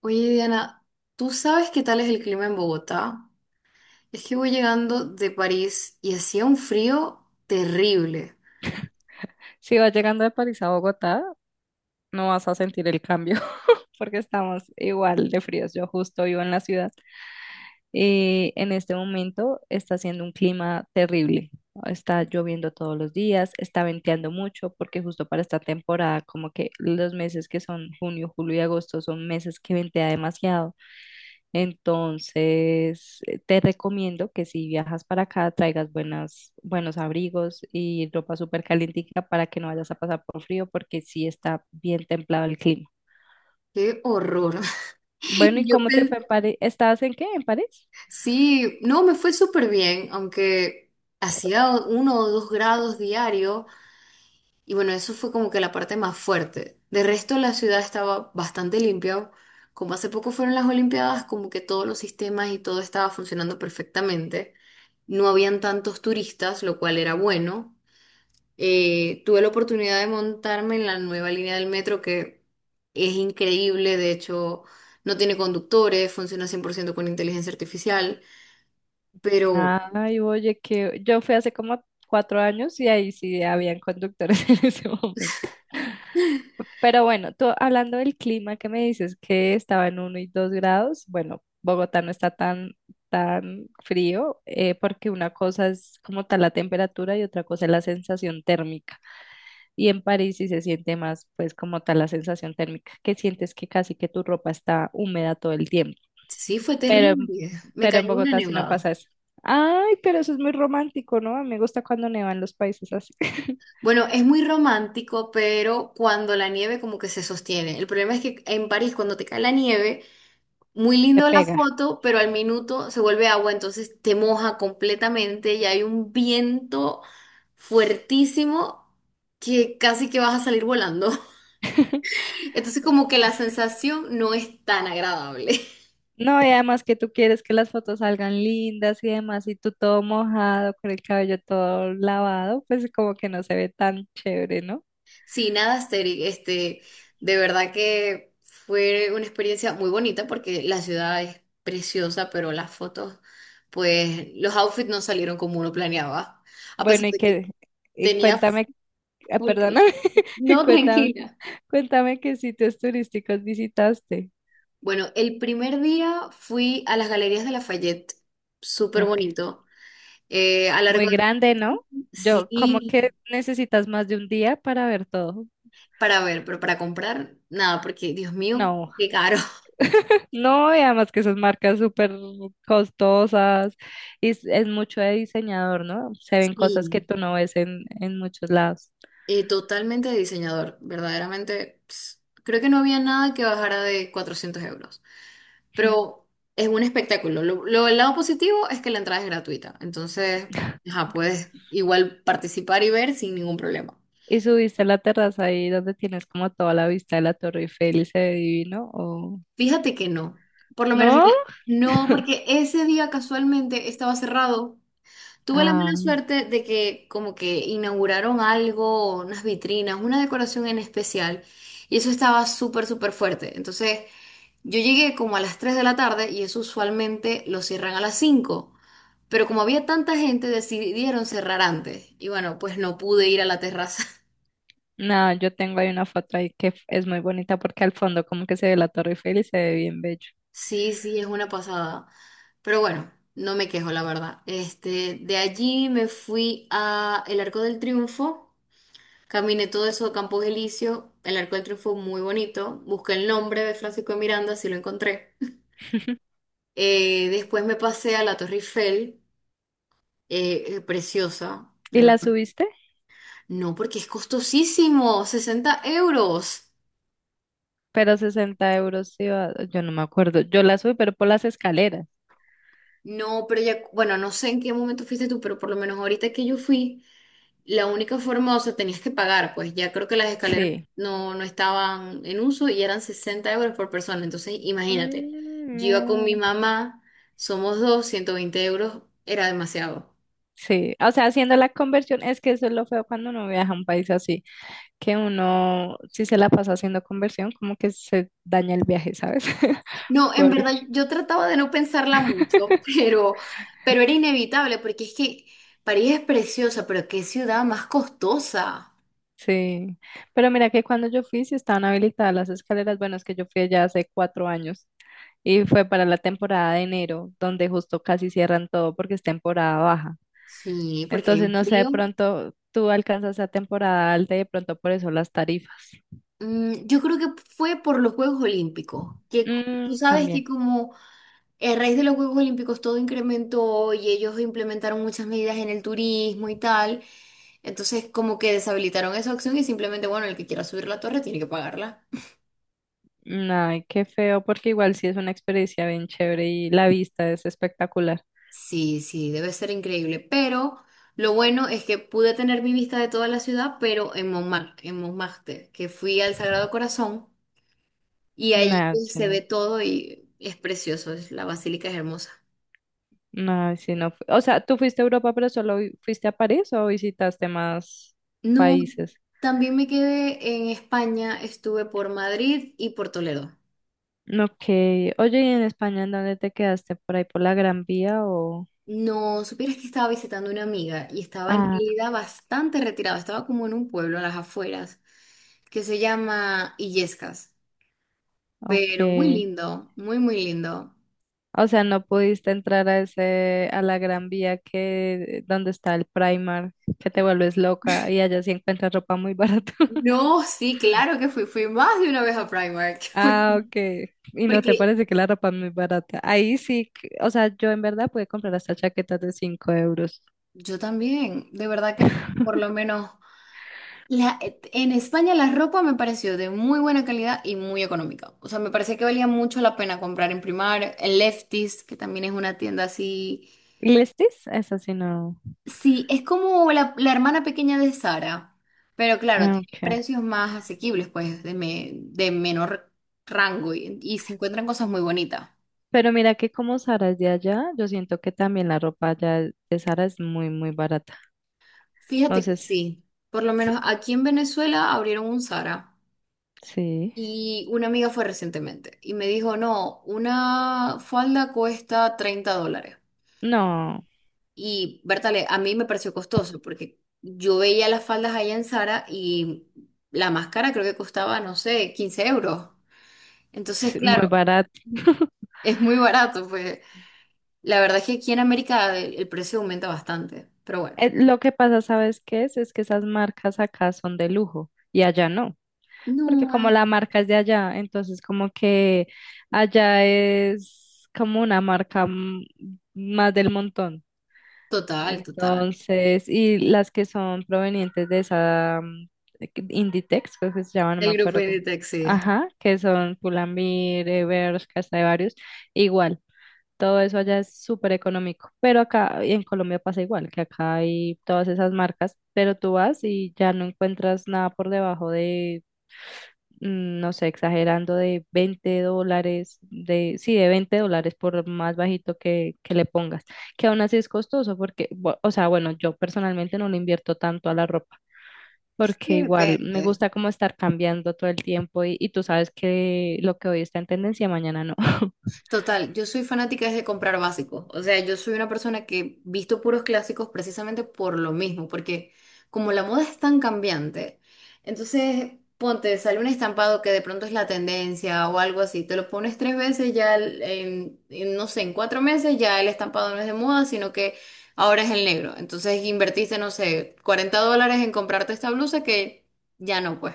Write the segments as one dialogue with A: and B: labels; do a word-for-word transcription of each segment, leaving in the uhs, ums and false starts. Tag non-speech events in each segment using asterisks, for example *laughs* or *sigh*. A: Oye, Diana, ¿tú sabes qué tal es el clima en Bogotá? Es que voy llegando de París y hacía un frío terrible.
B: Si vas llegando de París a Bogotá, no vas a sentir el cambio *laughs* porque estamos igual de fríos. Yo justo vivo en la ciudad y en este momento está haciendo un clima terrible. Está lloviendo todos los días, está venteando mucho porque justo para esta temporada, como que los meses que son junio, julio y agosto son meses que ventea demasiado. Entonces, eh, te recomiendo que si viajas para acá, traigas buenas, buenos abrigos y ropa súper calientica para que no vayas a pasar por frío, porque sí está bien templado el clima.
A: ¡Qué horror! *laughs*
B: Bueno, ¿y
A: Yo
B: cómo te fue
A: pensé,
B: en París? ¿Estabas en qué? ¿En París?
A: sí, no, me fue súper bien, aunque hacía uno o dos grados diario y bueno, eso fue como que la parte más fuerte. De resto, la ciudad estaba bastante limpia. Como hace poco fueron las Olimpiadas, como que todos los sistemas y todo estaba funcionando perfectamente. No habían tantos turistas, lo cual era bueno. Eh, tuve la oportunidad de montarme en la nueva línea del metro que es increíble, de hecho no tiene conductores, funciona cien por ciento con inteligencia artificial, pero
B: Ay, oye, que yo fui hace como cuatro años y ahí sí habían conductores *laughs* en ese momento. Pero bueno, tú hablando del clima que me dices que estaba en uno y dos grados, bueno, Bogotá no está tan, tan frío eh, porque una cosa es como tal la temperatura y otra cosa es la sensación térmica. Y en París sí se siente más pues como tal la sensación térmica, que sientes que casi que tu ropa está húmeda todo el tiempo.
A: sí fue
B: Pero, en-
A: terrible, me
B: pero en
A: cayó una
B: Bogotá sí no
A: nevada.
B: pasa eso. Ay, pero eso es muy romántico, ¿no? A mí me gusta cuando nevan los países así. *laughs*
A: Bueno, es muy romántico, pero cuando la nieve como que se sostiene. El problema es que en París cuando te cae la nieve, muy
B: Te
A: lindo la
B: pega.
A: foto, pero al minuto se vuelve agua, entonces te moja completamente y hay un viento fuertísimo que casi que vas a salir volando. *laughs* Entonces como que la sensación no es tan agradable. *laughs*
B: No, y además que tú quieres que las fotos salgan lindas y demás, y tú todo mojado, con el cabello todo lavado, pues como que no se ve tan chévere, ¿no?
A: Sí, nada, Asteri, este, de verdad que fue una experiencia muy bonita porque la ciudad es preciosa, pero las fotos, pues los outfits no salieron como uno planeaba, a pesar
B: Bueno, y
A: de que
B: que, y
A: tenía
B: cuéntame, ah,
A: full...
B: perdóname, *laughs* y
A: No,
B: cuéntame,
A: tranquila.
B: cuéntame qué sitios turísticos visitaste.
A: Bueno, el primer día fui a las Galerías de Lafayette, súper
B: Ok.
A: bonito. Eh, a largo
B: Muy grande, ¿no? Yo, como que
A: sí,
B: necesitas más de un día para ver todo.
A: para ver, pero para comprar, nada, porque Dios mío,
B: No.
A: qué caro. *laughs*
B: No, y además que esas marcas súper costosas y es, es mucho de diseñador, ¿no? Se ven cosas que
A: Sí,
B: tú no ves en, en muchos lados.
A: eh, totalmente de diseñador, verdaderamente. Ps, creo que no había nada que bajara de cuatrocientos euros, pero es un espectáculo. Lo, lo- el lado positivo es que la entrada es gratuita, entonces,
B: *laughs*
A: ajá, puedes igual participar y ver sin ningún problema.
B: ¿Y subiste a la terraza ahí donde tienes como toda la vista de la Torre Eiffel y se ve divino? ¿O
A: Fíjate que no, por lo menos
B: no?
A: el- no, porque ese día casualmente estaba cerrado. Tuve la
B: Ah,
A: mala suerte de que como que inauguraron algo, unas vitrinas, una decoración en especial, y eso estaba súper, súper fuerte. Entonces, yo llegué como a las tres de la tarde y eso usualmente lo cierran a las cinco, pero como había tanta gente, decidieron cerrar antes. Y bueno, pues no pude ir a la terraza. *laughs*
B: no, yo tengo ahí una foto ahí que f- es muy bonita porque al fondo como que se ve la Torre Eiffel y se ve bien bello.
A: Sí, sí, es una pasada. Pero bueno, no me quejo, la verdad. Este, de allí me fui a el Arco del Triunfo, caminé todo eso de Campos Elíseos, el Arco del Triunfo muy bonito, busqué el nombre de Francisco de Miranda, así lo encontré.
B: *laughs*
A: Eh, después me pasé a la Torre Eiffel, eh, eh, preciosa, de
B: ¿Y la
A: verdad.
B: subiste?
A: No, porque es costosísimo, sesenta euros.
B: Pero sesenta euros, iba, yo no me acuerdo. Yo la subí, pero por las escaleras.
A: No, pero ya, bueno, no sé en qué momento fuiste tú, pero por lo menos ahorita que yo fui, la única forma, o sea, tenías que pagar, pues ya creo que las escaleras
B: Sí,
A: no, no estaban en uso y eran sesenta euros por persona. Entonces, imagínate,
B: mm,
A: yo iba con mi
B: no.
A: mamá, somos dos, ciento veinte euros era demasiado.
B: Sí, o sea, haciendo la conversión, es que eso es lo feo cuando uno viaja a un país así, que uno, si se la pasa haciendo conversión, como que se daña el viaje, ¿sabes? *laughs*
A: No, en
B: Porque,
A: verdad, yo trataba de no pensarla mucho, *laughs* pero, pero era inevitable, porque es que París es preciosa, pero qué ciudad más costosa.
B: sí, pero mira que cuando yo fui, sí estaban habilitadas las escaleras, bueno, es que yo fui allá hace cuatro años y fue para la temporada de enero, donde justo casi cierran todo porque es temporada baja.
A: Sí, porque hay
B: Entonces,
A: un
B: no sé, de
A: frío.
B: pronto tú alcanzas a temporada alta y de pronto por eso las tarifas.
A: Mm, yo creo que fue por los Juegos Olímpicos, que c- tú
B: Mm,
A: sabes que
B: también.
A: como... A raíz de los Juegos Olímpicos todo incrementó y ellos implementaron muchas medidas en el turismo y tal. Entonces, como que deshabilitaron esa opción y simplemente, bueno, el que quiera subir la torre tiene que pagarla.
B: Ay, qué feo, porque igual sí es una experiencia bien chévere y la vista es espectacular.
A: Sí, sí, debe ser increíble. Pero lo bueno es que pude tener mi vista de toda la ciudad, pero en Montmartre, en Montmartre, que fui al Sagrado Corazón y ahí
B: No,
A: pues,
B: sí
A: se
B: no.
A: ve todo y es precioso, es- la basílica es hermosa.
B: No, sí no. fu- O sea, ¿tú fuiste a Europa, pero solo vi- fuiste a París o visitaste más
A: No,
B: países?
A: también me quedé en España, estuve por Madrid y por Toledo.
B: Ok. Oye, ¿y en España en dónde te quedaste? ¿Por ahí por la Gran Vía o...?
A: No, supieras que estaba visitando una amiga y estaba en
B: Ah,
A: realidad bastante retirada, estaba como en un pueblo a las afueras que se llama Illescas, pero muy
B: ok.
A: lindo, muy, muy lindo.
B: O sea, no pudiste entrar a ese, a la Gran Vía que, donde está el Primark, que te vuelves loca y allá sí encuentras ropa muy *laughs* barata.
A: No, sí, claro que fui, fui más de una vez a Primark, *laughs*
B: Ah,
A: porque
B: ok. Y no te
A: porque
B: parece que la ropa es muy barata. Ahí sí, que- o sea, yo en verdad pude comprar hasta chaquetas de cinco euros.
A: yo también, de verdad que por lo
B: *laughs*
A: menos la, eh, en España la ropa me pareció de muy buena calidad y muy económica. O sea, me parecía que valía mucho la pena comprar en Primark, en Lefties, que también es una tienda así.
B: ¿Listis? Eso sí, no.
A: Sí, es como la, la hermana pequeña de Sara, pero claro,
B: Ah,
A: tiene
B: ok.
A: precios más asequibles, pues de, me- de menor rango y, y se encuentran cosas muy bonitas.
B: Pero mira que como Sara es de allá, yo siento que también la ropa allá de Sara es muy, muy barata.
A: Fíjate que
B: Entonces,
A: sí, por lo
B: sí.
A: menos aquí en Venezuela abrieron un Sara
B: Sí.
A: y una amiga fue recientemente y me dijo, no, una falda cuesta treinta dólares.
B: No,
A: Y Bertale, a mí me pareció costoso porque yo veía las faldas allá en Sara y la máscara creo que costaba, no sé, quince euros. Entonces,
B: sí,
A: claro,
B: muy barata. *laughs*
A: es muy barato, pues. La verdad es que aquí en América el, el precio aumenta bastante, pero bueno.
B: Eh, lo que pasa, ¿sabes qué es? Es que esas marcas acá son de lujo y allá no. Porque
A: No,
B: como
A: ay,
B: la marca es de allá, entonces como que allá es como una marca mm, más del montón.
A: total, total.
B: Entonces, y las que son provenientes de esa mm, Inditex, creo que se llama, no me
A: El grupo
B: acuerdo cómo.
A: de taxi.
B: Ajá, que son Pull&Bear, eh, Bershka, hasta de varios, igual. Todo eso allá es súper económico, pero acá en Colombia pasa igual, que acá hay todas esas marcas, pero tú vas y ya no encuentras nada por debajo de mm, no sé, exagerando de veinte dólares, de, sí, de veinte dólares por más bajito que, que le pongas, que aún así es costoso porque, bu- o sea, bueno, yo personalmente no le invierto tanto a la ropa. Porque
A: De
B: igual me
A: repente.
B: gusta como estar cambiando todo el tiempo y, y tú sabes que lo que hoy está en tendencia, mañana no. *laughs*
A: Total, yo soy fanática es de comprar básicos. O sea, yo soy una persona que visto puros clásicos precisamente por lo mismo, porque como la moda es tan cambiante, entonces ponte, sale un estampado que de pronto es la tendencia o algo así, te lo pones tres veces, ya el- en, en, no sé, en cuatro meses ya el estampado no es de moda, sino que ahora es el negro. Entonces invertiste, no sé, cuarenta dólares en comprarte esta blusa que ya no, pues.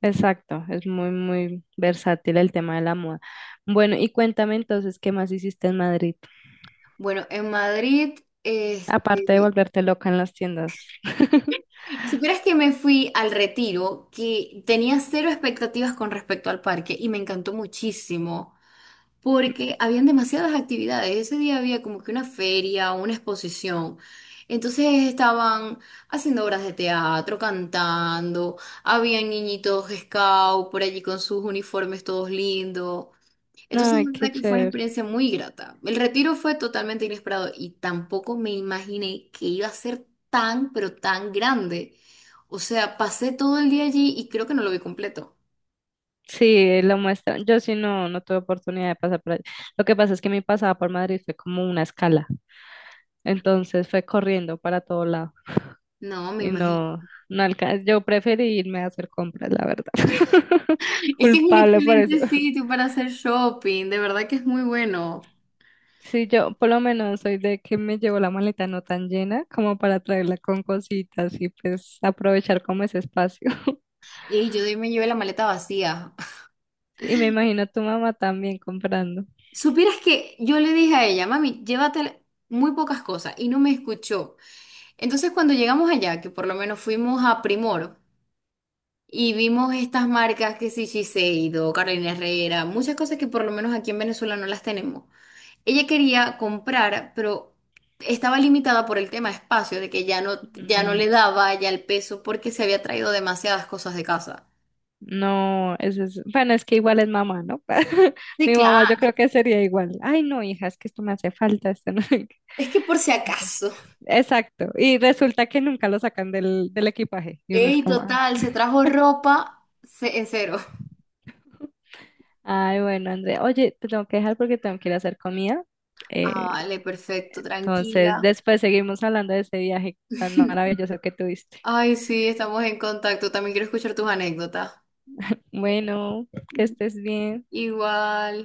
B: Exacto, es muy, muy versátil el tema de la moda. Bueno, y cuéntame entonces, ¿qué más hiciste en Madrid?
A: Bueno, en Madrid,
B: Aparte de
A: este,
B: volverte loca en las tiendas. *laughs*
A: si crees que me fui al retiro, que tenía cero expectativas con respecto al parque y me encantó muchísimo, porque habían demasiadas actividades. Ese día había como que una feria, una exposición. Entonces estaban haciendo obras de teatro, cantando, habían niñitos scout por allí con sus uniformes todos lindos. Entonces,
B: No,
A: la
B: qué
A: verdad que fue una
B: chévere.
A: experiencia muy grata. El retiro fue totalmente inesperado y tampoco me imaginé que iba a ser tan, pero tan grande. O sea, pasé todo el día allí y creo que no lo vi completo.
B: Sí, lo muestran. Yo sí no, no tuve oportunidad de pasar por allá. Lo que pasa es que mi pasada por Madrid fue como una escala, entonces fue corriendo para todo lado
A: No, me
B: y
A: imagino.
B: no, no alcancé. Yo preferí irme a hacer compras, la verdad. *laughs*
A: *laughs* Es que es un
B: Culpable por eso.
A: excelente sitio para hacer shopping, de verdad que es muy bueno.
B: Sí, yo por lo menos soy de que me llevo la maleta no tan llena como para traerla con cositas y pues aprovechar como ese espacio. *laughs*
A: Y yo de ahí me llevé la maleta vacía.
B: Y me imagino tu mamá también comprando.
A: *laughs* Supieras que yo le dije a ella, mami, llévate muy pocas cosas y no me escuchó. Entonces, cuando llegamos allá, que por lo menos fuimos a Primor. Y vimos estas marcas que sí, Shiseido, Carolina Herrera, muchas cosas que por lo menos aquí en Venezuela no las tenemos. Ella quería comprar, pero estaba limitada por el tema espacio, de que ya no, ya no le daba ya el peso porque se había traído demasiadas cosas de casa.
B: No, eso es, bueno, es que igual es mamá, ¿no? *laughs*
A: Sí,
B: Mi mamá yo
A: claro.
B: creo que sería igual. Ay, no, hija, es que esto me hace falta, esto no. *laughs*
A: Es que por si acaso.
B: Exacto. Y resulta que nunca lo sacan del, del equipaje. Y uno es
A: Ey,
B: como, ah,
A: total, se trajo ropa ce- en cero.
B: ay, bueno, André, oye, te tengo que dejar porque tengo que ir a hacer comida.
A: Ah,
B: Eh,
A: vale, perfecto,
B: entonces,
A: tranquila.
B: después seguimos hablando de ese viaje tan
A: *laughs*
B: maravilloso que tuviste.
A: Ay, sí, estamos en contacto. También quiero escuchar tus anécdotas.
B: Bueno, que estés bien.
A: Igual.